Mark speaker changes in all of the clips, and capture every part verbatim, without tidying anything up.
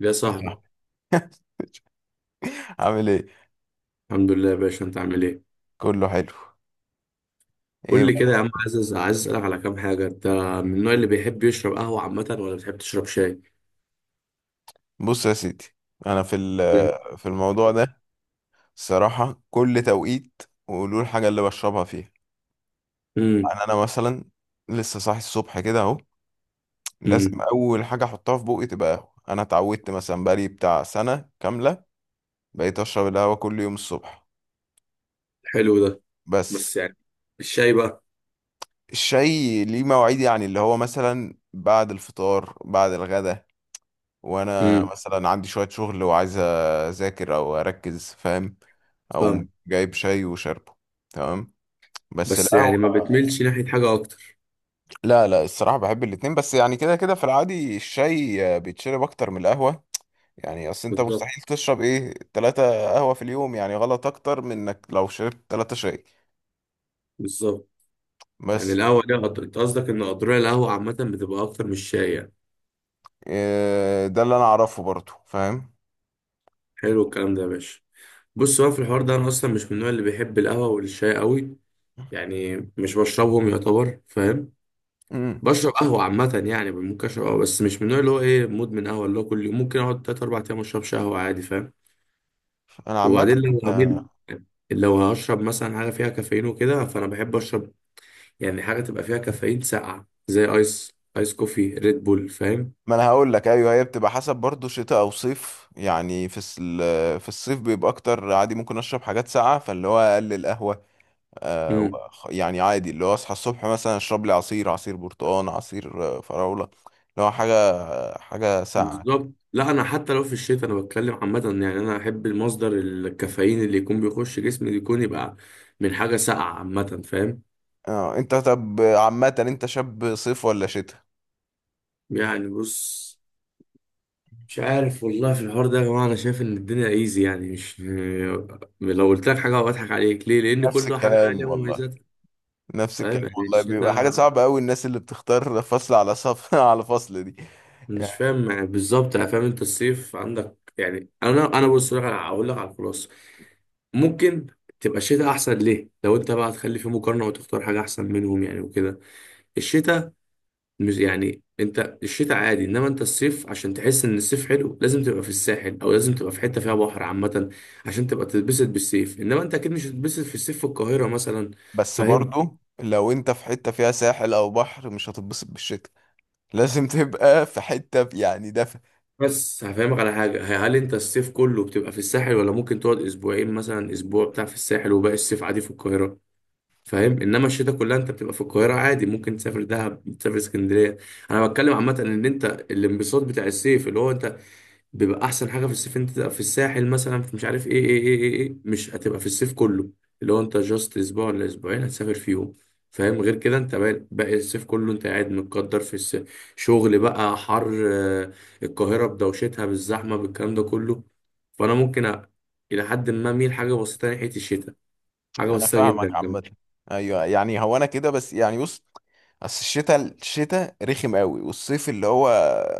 Speaker 1: يا صاحبي.
Speaker 2: مثلا، عامل ايه؟
Speaker 1: الحمد لله يا باشا، انت عامل ايه؟
Speaker 2: كله حلو. ايه
Speaker 1: قول لي كده
Speaker 2: بقى؟
Speaker 1: يا عم. الحمد لله. عايز عايز اسالك على كام حاجه. انت من النوع اللي بيحب يشرب قهوه عامه، ولا بتحب تشرب شاي؟
Speaker 2: بص يا سيدي، انا في ال- في الموضوع ده الصراحه كل توقيت وقولوا الحاجه اللي بشربها فيها.
Speaker 1: امم.
Speaker 2: يعني انا مثلا لسه صاحي الصبح كده اهو، لازم
Speaker 1: امم.
Speaker 2: اول حاجه احطها في بوقي تبقى قهوه. انا اتعودت مثلا بقالي بتاع سنه كامله بقيت اشرب القهوه كل يوم الصبح.
Speaker 1: حلو ده.
Speaker 2: بس
Speaker 1: بس يعني الشاي بقى؟
Speaker 2: الشاي ليه مواعيد، يعني اللي هو مثلا بعد الفطار بعد الغدا، وانا
Speaker 1: امم.
Speaker 2: مثلا عندي شوية شغل وعايز اذاكر او اركز، فاهم؟ او
Speaker 1: فاهم.
Speaker 2: جايب شاي وشاربه، تمام، بس
Speaker 1: بس
Speaker 2: القهوة.
Speaker 1: يعني ما بتميلش ناحيه حاجه اكتر؟
Speaker 2: لا لا، الصراحة بحب الاتنين، بس يعني كده كده في العادي الشاي بيتشرب أكتر من القهوة. يعني أصل أنت
Speaker 1: بالظبط،
Speaker 2: مستحيل تشرب إيه، تلاتة قهوة في اليوم، يعني غلط أكتر من إنك لو شربت تلاتة شاي.
Speaker 1: بالظبط. يعني
Speaker 2: بس
Speaker 1: القهوه دي قدر، انت قصدك ان قدرها القهوه عامه بتبقى اكتر من الشاي يعني.
Speaker 2: إيه، ده اللي أنا أعرفه برضو، فاهم؟
Speaker 1: حلو الكلام ده يا باشا. بص بقى، في الحوار ده انا اصلا مش من النوع اللي بيحب القهوه والشاي قوي. يعني مش بشربهم يعتبر، فاهم.
Speaker 2: مم.
Speaker 1: بشرب قهوة عامة، يعني ممكن أشرب قهوة، بس مش من النوع اللي هو إيه مدمن قهوة، اللي هو كل يوم. ممكن أقعد تلات أربع أيام مشربش قهوة عادي، فاهم.
Speaker 2: أنا عامة،
Speaker 1: وبعدين لو هميل، لو هشرب مثلا حاجة فيها كافيين وكده، فأنا بحب أشرب. يعني حاجة تبقى فيها كافيين ساقعة، زي آيس آيس كوفي، ريد بول، فاهم.
Speaker 2: ما انا هقول لك ايوه، هي بتبقى حسب برضو شتاء او صيف. يعني في الس- ال- في الصيف بيبقى اكتر عادي، ممكن اشرب حاجات ساقعه، فاللي هو اقلل قهوه. آه
Speaker 1: امم.
Speaker 2: وخ- يعني عادي اللي هو اصحى الصبح مثلا اشرب لي عصير، عصير برتقال، عصير آه، فراوله، اللي هو حاجه، حاجه ساقعه كده.
Speaker 1: بالظبط. لا أنا حتى لو في الشتاء أنا بتكلم عامة، يعني أنا أحب المصدر الكافيين اللي يكون بيخش جسمي يكون يبقى من حاجة ساقعة عامة، فاهم.
Speaker 2: اه انت طب عامه انت شاب صيف ولا شتاء؟
Speaker 1: يعني بص، مش عارف والله. في الحوار ده يا جماعة، أنا شايف إن الدنيا إيزي يعني. مش لو قلت لك حاجة بضحك عليك. ليه؟ لأن
Speaker 2: نفس
Speaker 1: كل حاجة
Speaker 2: الكلام
Speaker 1: ليها
Speaker 2: والله،
Speaker 1: مميزاتها.
Speaker 2: نفس
Speaker 1: فاهم
Speaker 2: الكلام
Speaker 1: يعني
Speaker 2: والله، بيبقى حاجه
Speaker 1: الشتاء.
Speaker 2: صعبه قوي الناس اللي بتختار فصل على صف على فصل دي.
Speaker 1: مش فاهم يعني بالظبط، يعني فاهم أنت الصيف عندك. يعني أنا أنا بص لك على- هقول لك على الخلاصة. ممكن تبقى الشتاء أحسن. ليه؟ لو أنت بقى هتخلي في مقارنة وتختار حاجة أحسن منهم يعني وكده، الشتاء. مش يعني انت الشتاء عادي، انما انت الصيف عشان تحس ان الصيف حلو لازم تبقى في الساحل، او لازم تبقى في حته فيها بحر عامه، عشان تبقى تتبسط بالصيف. انما انت اكيد مش هتتبسط في الصيف في القاهره مثلا،
Speaker 2: بس
Speaker 1: فاهم.
Speaker 2: برضو لو انت في حتة فيها ساحل او بحر مش هتتبسط بالشتاء، لازم تبقى في حتة ب- يعني دفا.
Speaker 1: بس هفهمك على حاجه، ه- هل انت الصيف كله بتبقى في الساحل، ولا ممكن تقعد اسبوعين مثلا، اسبوع بتاع في الساحل وباقي الصيف عادي في القاهره؟ فاهم. انما الشتاء كلها انت بتبقى في القاهره عادي. ممكن تسافر دهب، تسافر اسكندريه. انا بتكلم عامه ان انت الانبساط بتاع الصيف اللي هو انت، بيبقى احسن حاجه في الصيف انت تبقى في الساحل مثلا، في مش عارف ايه ايه ايه ايه, إيه. مش هتبقى في الصيف كله، اللي هو انت جاست اسبوع ولا اسبوعين هتسافر فيهم. فاهم. غير كده انت باقي باقي الصيف كله انت قاعد متقدر في الس- شغل بقى حر آه، القاهره بدوشتها بالزحمه بالكلام ده كله. فانا ممكن أ... الى حد ما اميل حاجه بسيطه ناحيه الشتاء، حاجه
Speaker 2: انا
Speaker 1: بسيطه
Speaker 2: فاهمك
Speaker 1: جدا كمان.
Speaker 2: عامة. ايوه يعني، هو انا كده، بس يعني بص، اصل الشتاء الشتاء رخم قوي، والصيف اللي هو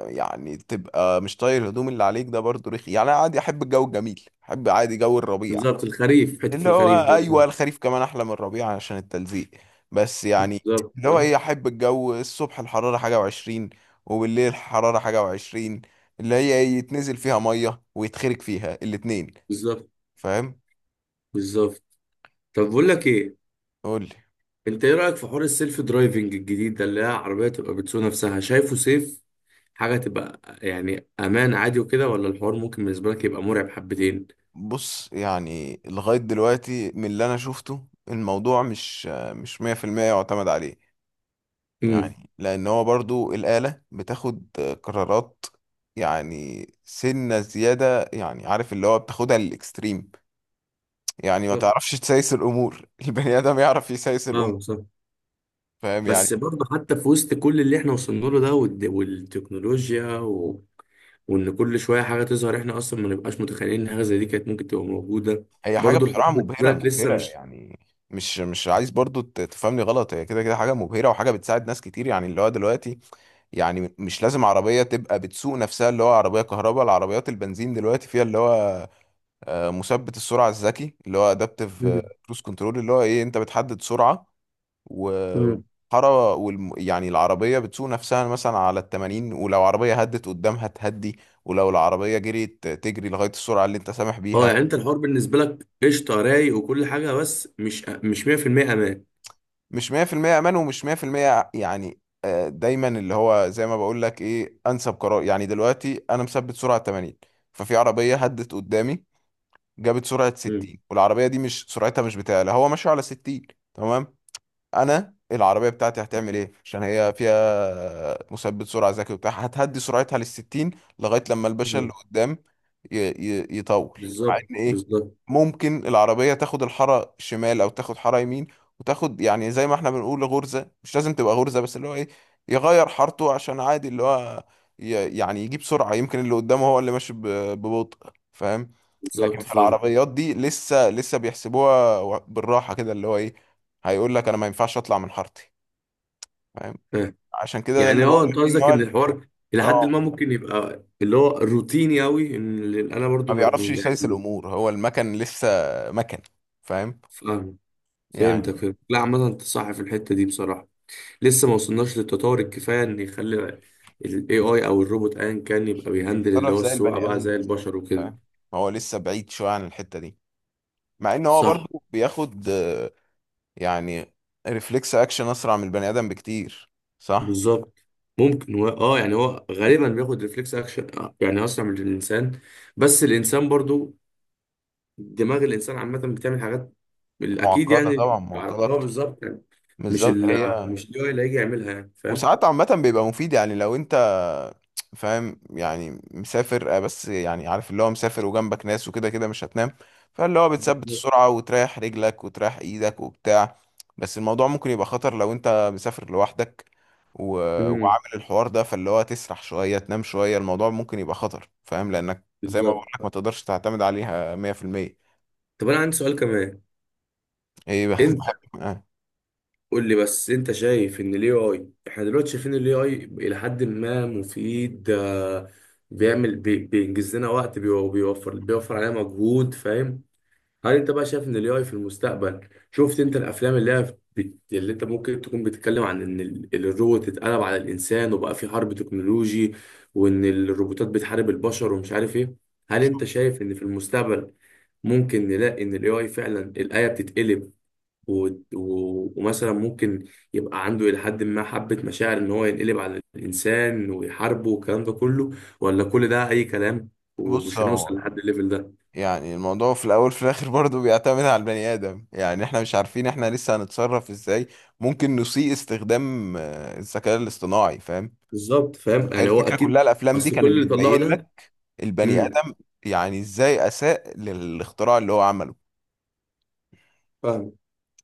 Speaker 2: يعني تبقى مش طاير الهدوم اللي عليك ده برضو رخي. يعني انا عادي احب الجو الجميل، احب عادي جو الربيع.
Speaker 1: بالظبط الخريف، حته
Speaker 2: اللي هو
Speaker 1: الخريف دي
Speaker 2: ايوه
Speaker 1: مثلا.
Speaker 2: الخريف كمان احلى من الربيع عشان التلزيق. بس يعني
Speaker 1: بالظبط
Speaker 2: اللي هو
Speaker 1: فاهم؟
Speaker 2: ايه، احب الجو الصبح الحراره حاجه وعشرين، وبالليل الحراره حاجه وعشرين، اللي هي إيه، يتنزل فيها ميه ويتخرج فيها الاتنين،
Speaker 1: بالظبط،
Speaker 2: فاهم؟
Speaker 1: بالظبط. طب بقول لك ايه،
Speaker 2: قول لي.
Speaker 1: انت ايه رأيك في حوار السيلف درايفنج الجديد ده، اللي هي عربية تبقى بتسوق نفسها شايفه سيف؟ حاجة تبقى يعني امان عادي وكده، ولا الحوار ممكن بالنسبة لك يبقى مرعب حبتين؟
Speaker 2: بص، يعني لغايه دلوقتي من اللي انا شفته، الموضوع مش مش مية في المية يعتمد عليه.
Speaker 1: امم.
Speaker 2: يعني لان هو برضو الاله بتاخد قرارات، يعني سنه زياده، يعني عارف اللي هو بتاخدها للاكستريم، يعني ما
Speaker 1: بالظبط.
Speaker 2: تعرفش تسايس الامور. البني ادم يعرف يسايس الامور،
Speaker 1: اه صح.
Speaker 2: فاهم يعني.
Speaker 1: بس برضه حتى في وسط كل اللي احنا وصلنا له ده، والد- والتكنولوجيا و... وان كل شوية حاجة تظهر، احنا اصلا ما نبقاش متخيلين ان حاجة زي دي كانت ممكن تبقى موجودة.
Speaker 2: هي حاجه
Speaker 1: برضه الحوار
Speaker 2: بصراحه
Speaker 1: بالنسبة
Speaker 2: مبهره،
Speaker 1: لك لسه
Speaker 2: مبهره
Speaker 1: مش.
Speaker 2: يعني. مش مش عايز برضو ت- تفهمني غلط، هي كده كده حاجه مبهره وحاجه بتساعد ناس كتير، يعني اللي هو دلوقتي يعني مش لازم عربيه تبقى بتسوق نفسها. اللي هو عربيه كهرباء، العربيات البنزين دلوقتي فيها اللي هو آه، مثبت السرعه الذكي اللي هو ادابتيف
Speaker 1: مم.
Speaker 2: كروز كنترول، اللي هو ايه، انت بتحدد سرعه
Speaker 1: مم.
Speaker 2: وحارة والم... يعني العربية بتسوق نفسها مثلا على التمانين، ولو عربية هدت قدامها تهدي، ولو العربية جريت تجري لغاية السرعة اللي انت سامح
Speaker 1: اه،
Speaker 2: بيها.
Speaker 1: يعني انت الحوار بالنسبة لك قشطة رايق وكل حاجة، بس مش مش ميه في الميه امان.
Speaker 2: مش مية في المية أمان ومش مية في المية يعني آه، دايما اللي هو زي ما بقول لك، ايه أنسب قرار؟ يعني دلوقتي أنا مثبت سرعة تمانين، ففي عربية هدت قدامي جابت سرعة ستين، والعربية دي مش سرعتها، مش بتاعي، لا هو ماشي على ستين، تمام. انا العربيه بتاعتي هتعمل ايه؟ عشان هي فيها مثبت سرعه ذكي وبتاع، هتهدي سرعتها للستين لغايه لما الباشا اللي
Speaker 1: مم.
Speaker 2: قدام ي... ي... يطول. مع
Speaker 1: بالظبط،
Speaker 2: ان ايه،
Speaker 1: بالظبط،
Speaker 2: ممكن العربيه تاخد الحاره شمال او تاخد حاره يمين، وتاخد يعني زي ما احنا بنقول غرزه، مش لازم تبقى غرزه، بس اللي هو ايه، يغير حارته عشان عادي اللي هو ي... يعني يجيب سرعه، يمكن اللي قدامه هو اللي ماشي ب... ببطء، فاهم. لكن
Speaker 1: بالظبط.
Speaker 2: في
Speaker 1: فاهم،
Speaker 2: العربيات دي لسه لسه بيحسبوها بالراحه كده، اللي هو ايه، هيقول لك انا ما ينفعش اطلع من حارتي، فاهم.
Speaker 1: فاهم.
Speaker 2: عشان كده ده
Speaker 1: يعني
Speaker 2: اللي بقول
Speaker 1: اه انت
Speaker 2: لك فيه ان
Speaker 1: قصدك
Speaker 2: هو
Speaker 1: ان
Speaker 2: ال-
Speaker 1: الحوار الى حد ما
Speaker 2: اه
Speaker 1: ممكن يبقى اللي هو روتيني قوي، ان ال- انا
Speaker 2: ما
Speaker 1: برضو م- م-
Speaker 2: بيعرفش يسيس
Speaker 1: يعني
Speaker 2: الامور، هو المكن لسه مكن، فاهم
Speaker 1: فاهم. فهمتك
Speaker 2: يعني،
Speaker 1: فهمت، لا عامة انت صح في الحتة دي بصراحة. لسه ما وصلناش للتطور الكفاية ان يخلي الاي اي او الروبوت ايا كان يبقى بيهندل اللي
Speaker 2: بيتصرف
Speaker 1: هو
Speaker 2: زي
Speaker 1: السواقة
Speaker 2: البني
Speaker 1: بقى
Speaker 2: ادم.
Speaker 1: زي البشر وكده.
Speaker 2: فاهم، هو لسه بعيد شويه عن الحته دي. مع ان هو
Speaker 1: صح.
Speaker 2: برضو بياخد آه، يعني ريفلكس اكشن اسرع من البني ادم بكتير. صح،
Speaker 1: بالظبط. ممكن هو اه يعني هو غالبا بياخد ريفلكس اكشن، يعني اسرع من الانسان. بس الانسان برضو دماغ الانسان عامه بتعمل حاجات اكيد
Speaker 2: معقده طبعا،
Speaker 1: يعني.
Speaker 2: معقده
Speaker 1: هو
Speaker 2: اكتر.
Speaker 1: بالظبط يعني مش
Speaker 2: بالظبط
Speaker 1: ال
Speaker 2: هي.
Speaker 1: مش اللي هو اللي هيجي يعملها، يعني فاهم.
Speaker 2: وساعات عامه بيبقى مفيد، يعني لو انت فاهم يعني مسافر آه، بس يعني عارف، اللي هو مسافر وجنبك ناس وكده، كده مش هتنام، فاللي هو بتثبت
Speaker 1: بالظبط.
Speaker 2: السرعة وتريح رجلك وتريح ايدك وبتاع. بس الموضوع ممكن يبقى خطر لو انت مسافر لوحدك و...
Speaker 1: امم.
Speaker 2: وعامل الحوار ده، فاللي هو تسرح شوية، تنام شوية، الموضوع ممكن يبقى خطر، فاهم، لأنك زي ما
Speaker 1: بالظبط.
Speaker 2: بقولك ما تقدرش تعتمد عليها مية في المية.
Speaker 1: طب انا عندي سؤال كمان،
Speaker 2: ايه بقى؟
Speaker 1: انت
Speaker 2: بحب آه.
Speaker 1: قول لي بس. انت شايف ان الاي اي، احنا دلوقتي شايفين الاي اي الى حد ما مفيد آه، بيعمل بي- بينجز لنا وقت، بيو- بيوفر بيوفر علينا مجهود، فاهم. هل انت بقى شايف ان الاي اي في المستقبل، شفت انت الافلام اللي هي بت... اللي انت ممكن تكون بتتكلم عن ان ال- الروبوت اتقلب على الانسان وبقى في حرب تكنولوجي، وان الروبوتات بتحارب البشر ومش عارف ايه. هل انت شايف ان في المستقبل ممكن نلاقي ان الاي اي فعلا الايه بتتقلب، و... و... ومثلا ممكن يبقى عنده الى حد ما حبه مشاعر ان هو ينقلب على الانسان ويحاربه والكلام ده كله. ولا كل ده اي كلام،
Speaker 2: بص،
Speaker 1: ومش هنوصل
Speaker 2: هو
Speaker 1: لحد الليفل ده؟
Speaker 2: يعني الموضوع في الاول في الاخر برضه بيعتمد على البني ادم، يعني احنا مش عارفين احنا لسه هنتصرف ازاي، ممكن نسيء استخدام آه، الذكاء الاصطناعي، فاهم.
Speaker 1: بالظبط. فاهم
Speaker 2: هي
Speaker 1: يعني هو
Speaker 2: الفكره
Speaker 1: اكيد،
Speaker 2: كلها الافلام دي
Speaker 1: اصل كل
Speaker 2: كانت
Speaker 1: اللي طلعه
Speaker 2: بتبين
Speaker 1: ده.
Speaker 2: لك البني
Speaker 1: امم.
Speaker 2: ادم يعني ازاي اساء للاختراع اللي هو عمله.
Speaker 1: فاهم.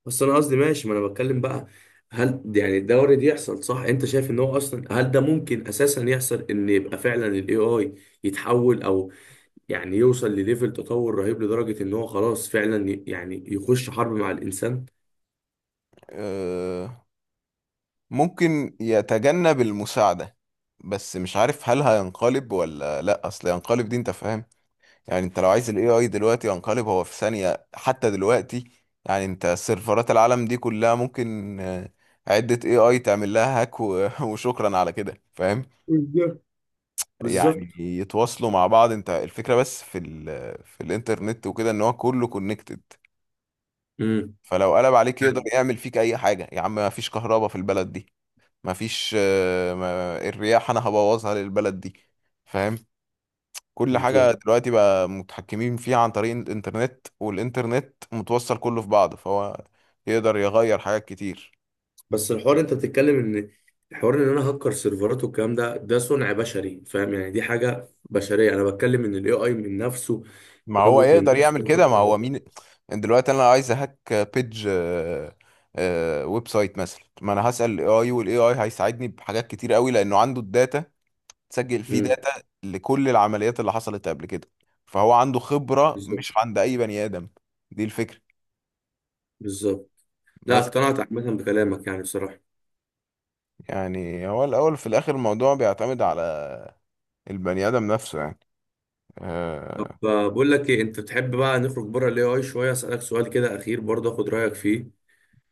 Speaker 1: بس انا قصدي ماشي، ما انا بتكلم بقى، هل يعني ده وارد يحصل صح؟ انت شايف ان هو اصلا هل ده ممكن اساسا يحصل، ان يبقى فعلا الاي اي يتحول او يعني يوصل لليفل تطور رهيب لدرجة ان هو خلاص فعلا ي- يعني يخش حرب مع الانسان.
Speaker 2: آه، ممكن يتجنب المساعده، بس مش عارف هل هينقلب ولا لا. اصل ينقلب دي انت فاهم، يعني انت لو عايز الاي اي دلوقتي ينقلب هو في ثانية حتى دلوقتي. يعني انت سيرفرات العالم دي كلها ممكن آه، عدة اي اي تعمل لها هاك و- وشكرا على كده، فاهم،
Speaker 1: بالظبط.
Speaker 2: يعني
Speaker 1: بالظبط.
Speaker 2: يتواصلوا مع بعض. انت الفكرة بس في ال في الانترنت وكده ان هو كله كونكتد،
Speaker 1: امم.
Speaker 2: فلو قلب عليك يقدر يعمل فيك اي حاجة يا عم. ما فيش كهرباء في البلد دي، ما فيش آه، ما- الرياح، انا هبوظها للبلد دي، فاهم. كل حاجة
Speaker 1: بالظبط.
Speaker 2: دلوقتي بقى متحكمين فيها عن طريق الإنترنت، والإنترنت متوصل كله في بعضه، فهو يقدر يغير حاجات كتير.
Speaker 1: بس الحوار انت بتتكلم ان الحوار ان انا هكر سيرفرات والكلام ده، ده صنع بشري، فاهم. يعني دي حاجه بشريه. انا بتكلم ان الاي اي من نفسه،
Speaker 2: ما هو
Speaker 1: روبوت من
Speaker 2: يقدر
Speaker 1: نفسه
Speaker 2: يعمل
Speaker 1: ياخد
Speaker 2: كده، ما
Speaker 1: قرار.
Speaker 2: هو مين. يعني دلوقتي أنا عايز أهك بيج آه، آه، ويب سايت مثلا، ما أنا هسأل ال اي اي وال A I هيساعدني بحاجات كتير قوي لأنه عنده الداتا، تسجل فيه
Speaker 1: امم.
Speaker 2: داتا لكل العمليات اللي حصلت قبل كده، فهو عنده خبرة
Speaker 1: بالظبط.
Speaker 2: مش عند أي بني آدم. دي الفكرة.
Speaker 1: بالظبط. لا
Speaker 2: بس
Speaker 1: اقتنعت عامه بكلامك يعني بصراحه.
Speaker 2: يعني هو الأول في الآخر الموضوع بيعتمد على البني آدم نفسه يعني
Speaker 1: طب
Speaker 2: آه،
Speaker 1: آه، بقول لك ايه، انت بتحب بقى نخرج بره الاي اي شويه، اسالك سؤال كده اخير برضه اخد رايك فيه.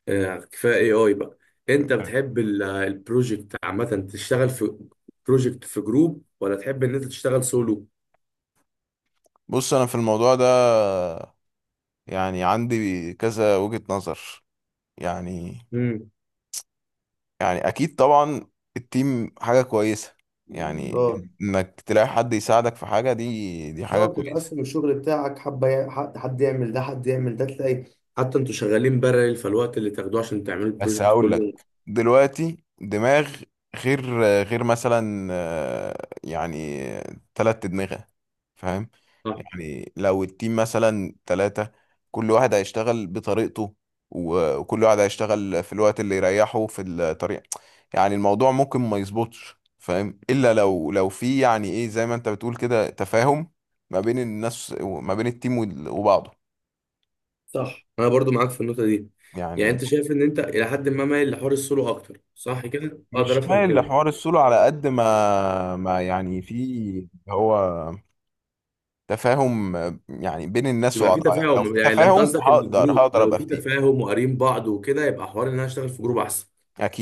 Speaker 1: آه، كفايه اي اي بقى. انت بتحب البروجكت عامه تشتغل في بروجكت في جروب، ولا تحب ان انت تشتغل سولو؟
Speaker 2: بص، أنا في الموضوع ده يعني عندي كذا وجهة نظر. يعني،
Speaker 1: امم.
Speaker 2: يعني أكيد طبعا التيم حاجة كويسة، يعني
Speaker 1: اه.
Speaker 2: إنك تلاقي حد يساعدك في حاجة، دي دي حاجة
Speaker 1: بالظبط،
Speaker 2: كويسة.
Speaker 1: تقسم الشغل بتاعك حبة، يع- حد حد يعمل ده، حد يعمل ده، تلاقي حتى انتوا شغالين بارل، فالوقت اللي تاخدوه عشان تعملوا
Speaker 2: بس
Speaker 1: البروجكت
Speaker 2: هقول لك،
Speaker 1: كله.
Speaker 2: دلوقتي دماغ، غير غير مثلا آه، يعني تلات أدمغة، فاهم.
Speaker 1: صح.
Speaker 2: يعني لو التيم مثلا تلاتة، كل واحد هيشتغل بطريقته، و- وكل واحد هيشتغل في الوقت اللي يريحه في الطريق. يعني الموضوع ممكن ما يظبطش، فاهم، إلا لو لو في يعني إيه، زي ما أنت بتقول كده، تفاهم ما بين الناس وما بين التيم وال- وبعضه.
Speaker 1: صح. انا برضو معاك في النقطة دي. يعني
Speaker 2: يعني
Speaker 1: انت شايف ان انت الى حد ما مايل لحوار السولو اكتر، صح كده؟ اقدر
Speaker 2: مش
Speaker 1: افهم
Speaker 2: مايل
Speaker 1: كده.
Speaker 2: لحوار السولو على قد ما ما يعني في هو تفاهم، يعني بين الناس
Speaker 1: يبقى في
Speaker 2: وبعضها. يعني لو
Speaker 1: تفاهم،
Speaker 2: في
Speaker 1: يعني انت
Speaker 2: تفاهم
Speaker 1: قصدك ان
Speaker 2: هقدر،
Speaker 1: الجروب
Speaker 2: هقدر
Speaker 1: لو
Speaker 2: ابقى
Speaker 1: في
Speaker 2: في تيم
Speaker 1: تفاهم وقارين بعض وكده يبقى حوار ان انا اشتغل في جروب احسن.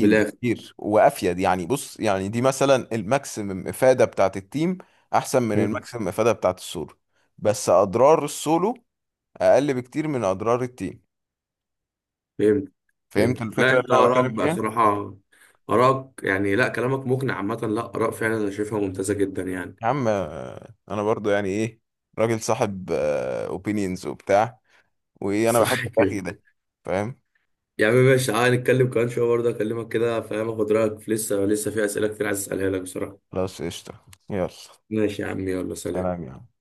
Speaker 1: من الاخر.
Speaker 2: بكتير وافيد. يعني بص، يعني دي مثلا الماكسيمم افاده بتاعت التيم احسن من
Speaker 1: مم.
Speaker 2: الماكسيمم افاده بتاعت السولو، بس اضرار السولو اقل بكتير من اضرار التيم.
Speaker 1: فهمت.
Speaker 2: فهمت
Speaker 1: فهمت. لا
Speaker 2: الفكره
Speaker 1: انت
Speaker 2: اللي انا
Speaker 1: ارائك
Speaker 2: بتكلم
Speaker 1: بقى
Speaker 2: فيها.
Speaker 1: صراحة، ارائك يعني، لا كلامك مقنع عامة. لا اراء فعلا انا شايفها ممتازة جدا يعني.
Speaker 2: يا عم آه، انا برضو يعني ايه، راجل صاحب اوبينينز وبتاع، وايه، انا بحب
Speaker 1: صح كده.
Speaker 2: الاخي ده، فاهم.
Speaker 1: يا عم ماشي، تعالى نتكلم كمان شوية برضه أكلمك كده، فاهم، أخد رأيك في، لسه لسه في أسئلة كتير عايز أسألها لك بصراحة.
Speaker 2: خلاص، قشطة، يلا
Speaker 1: ماشي يا عم. يلا سلام.
Speaker 2: سلام يا عم.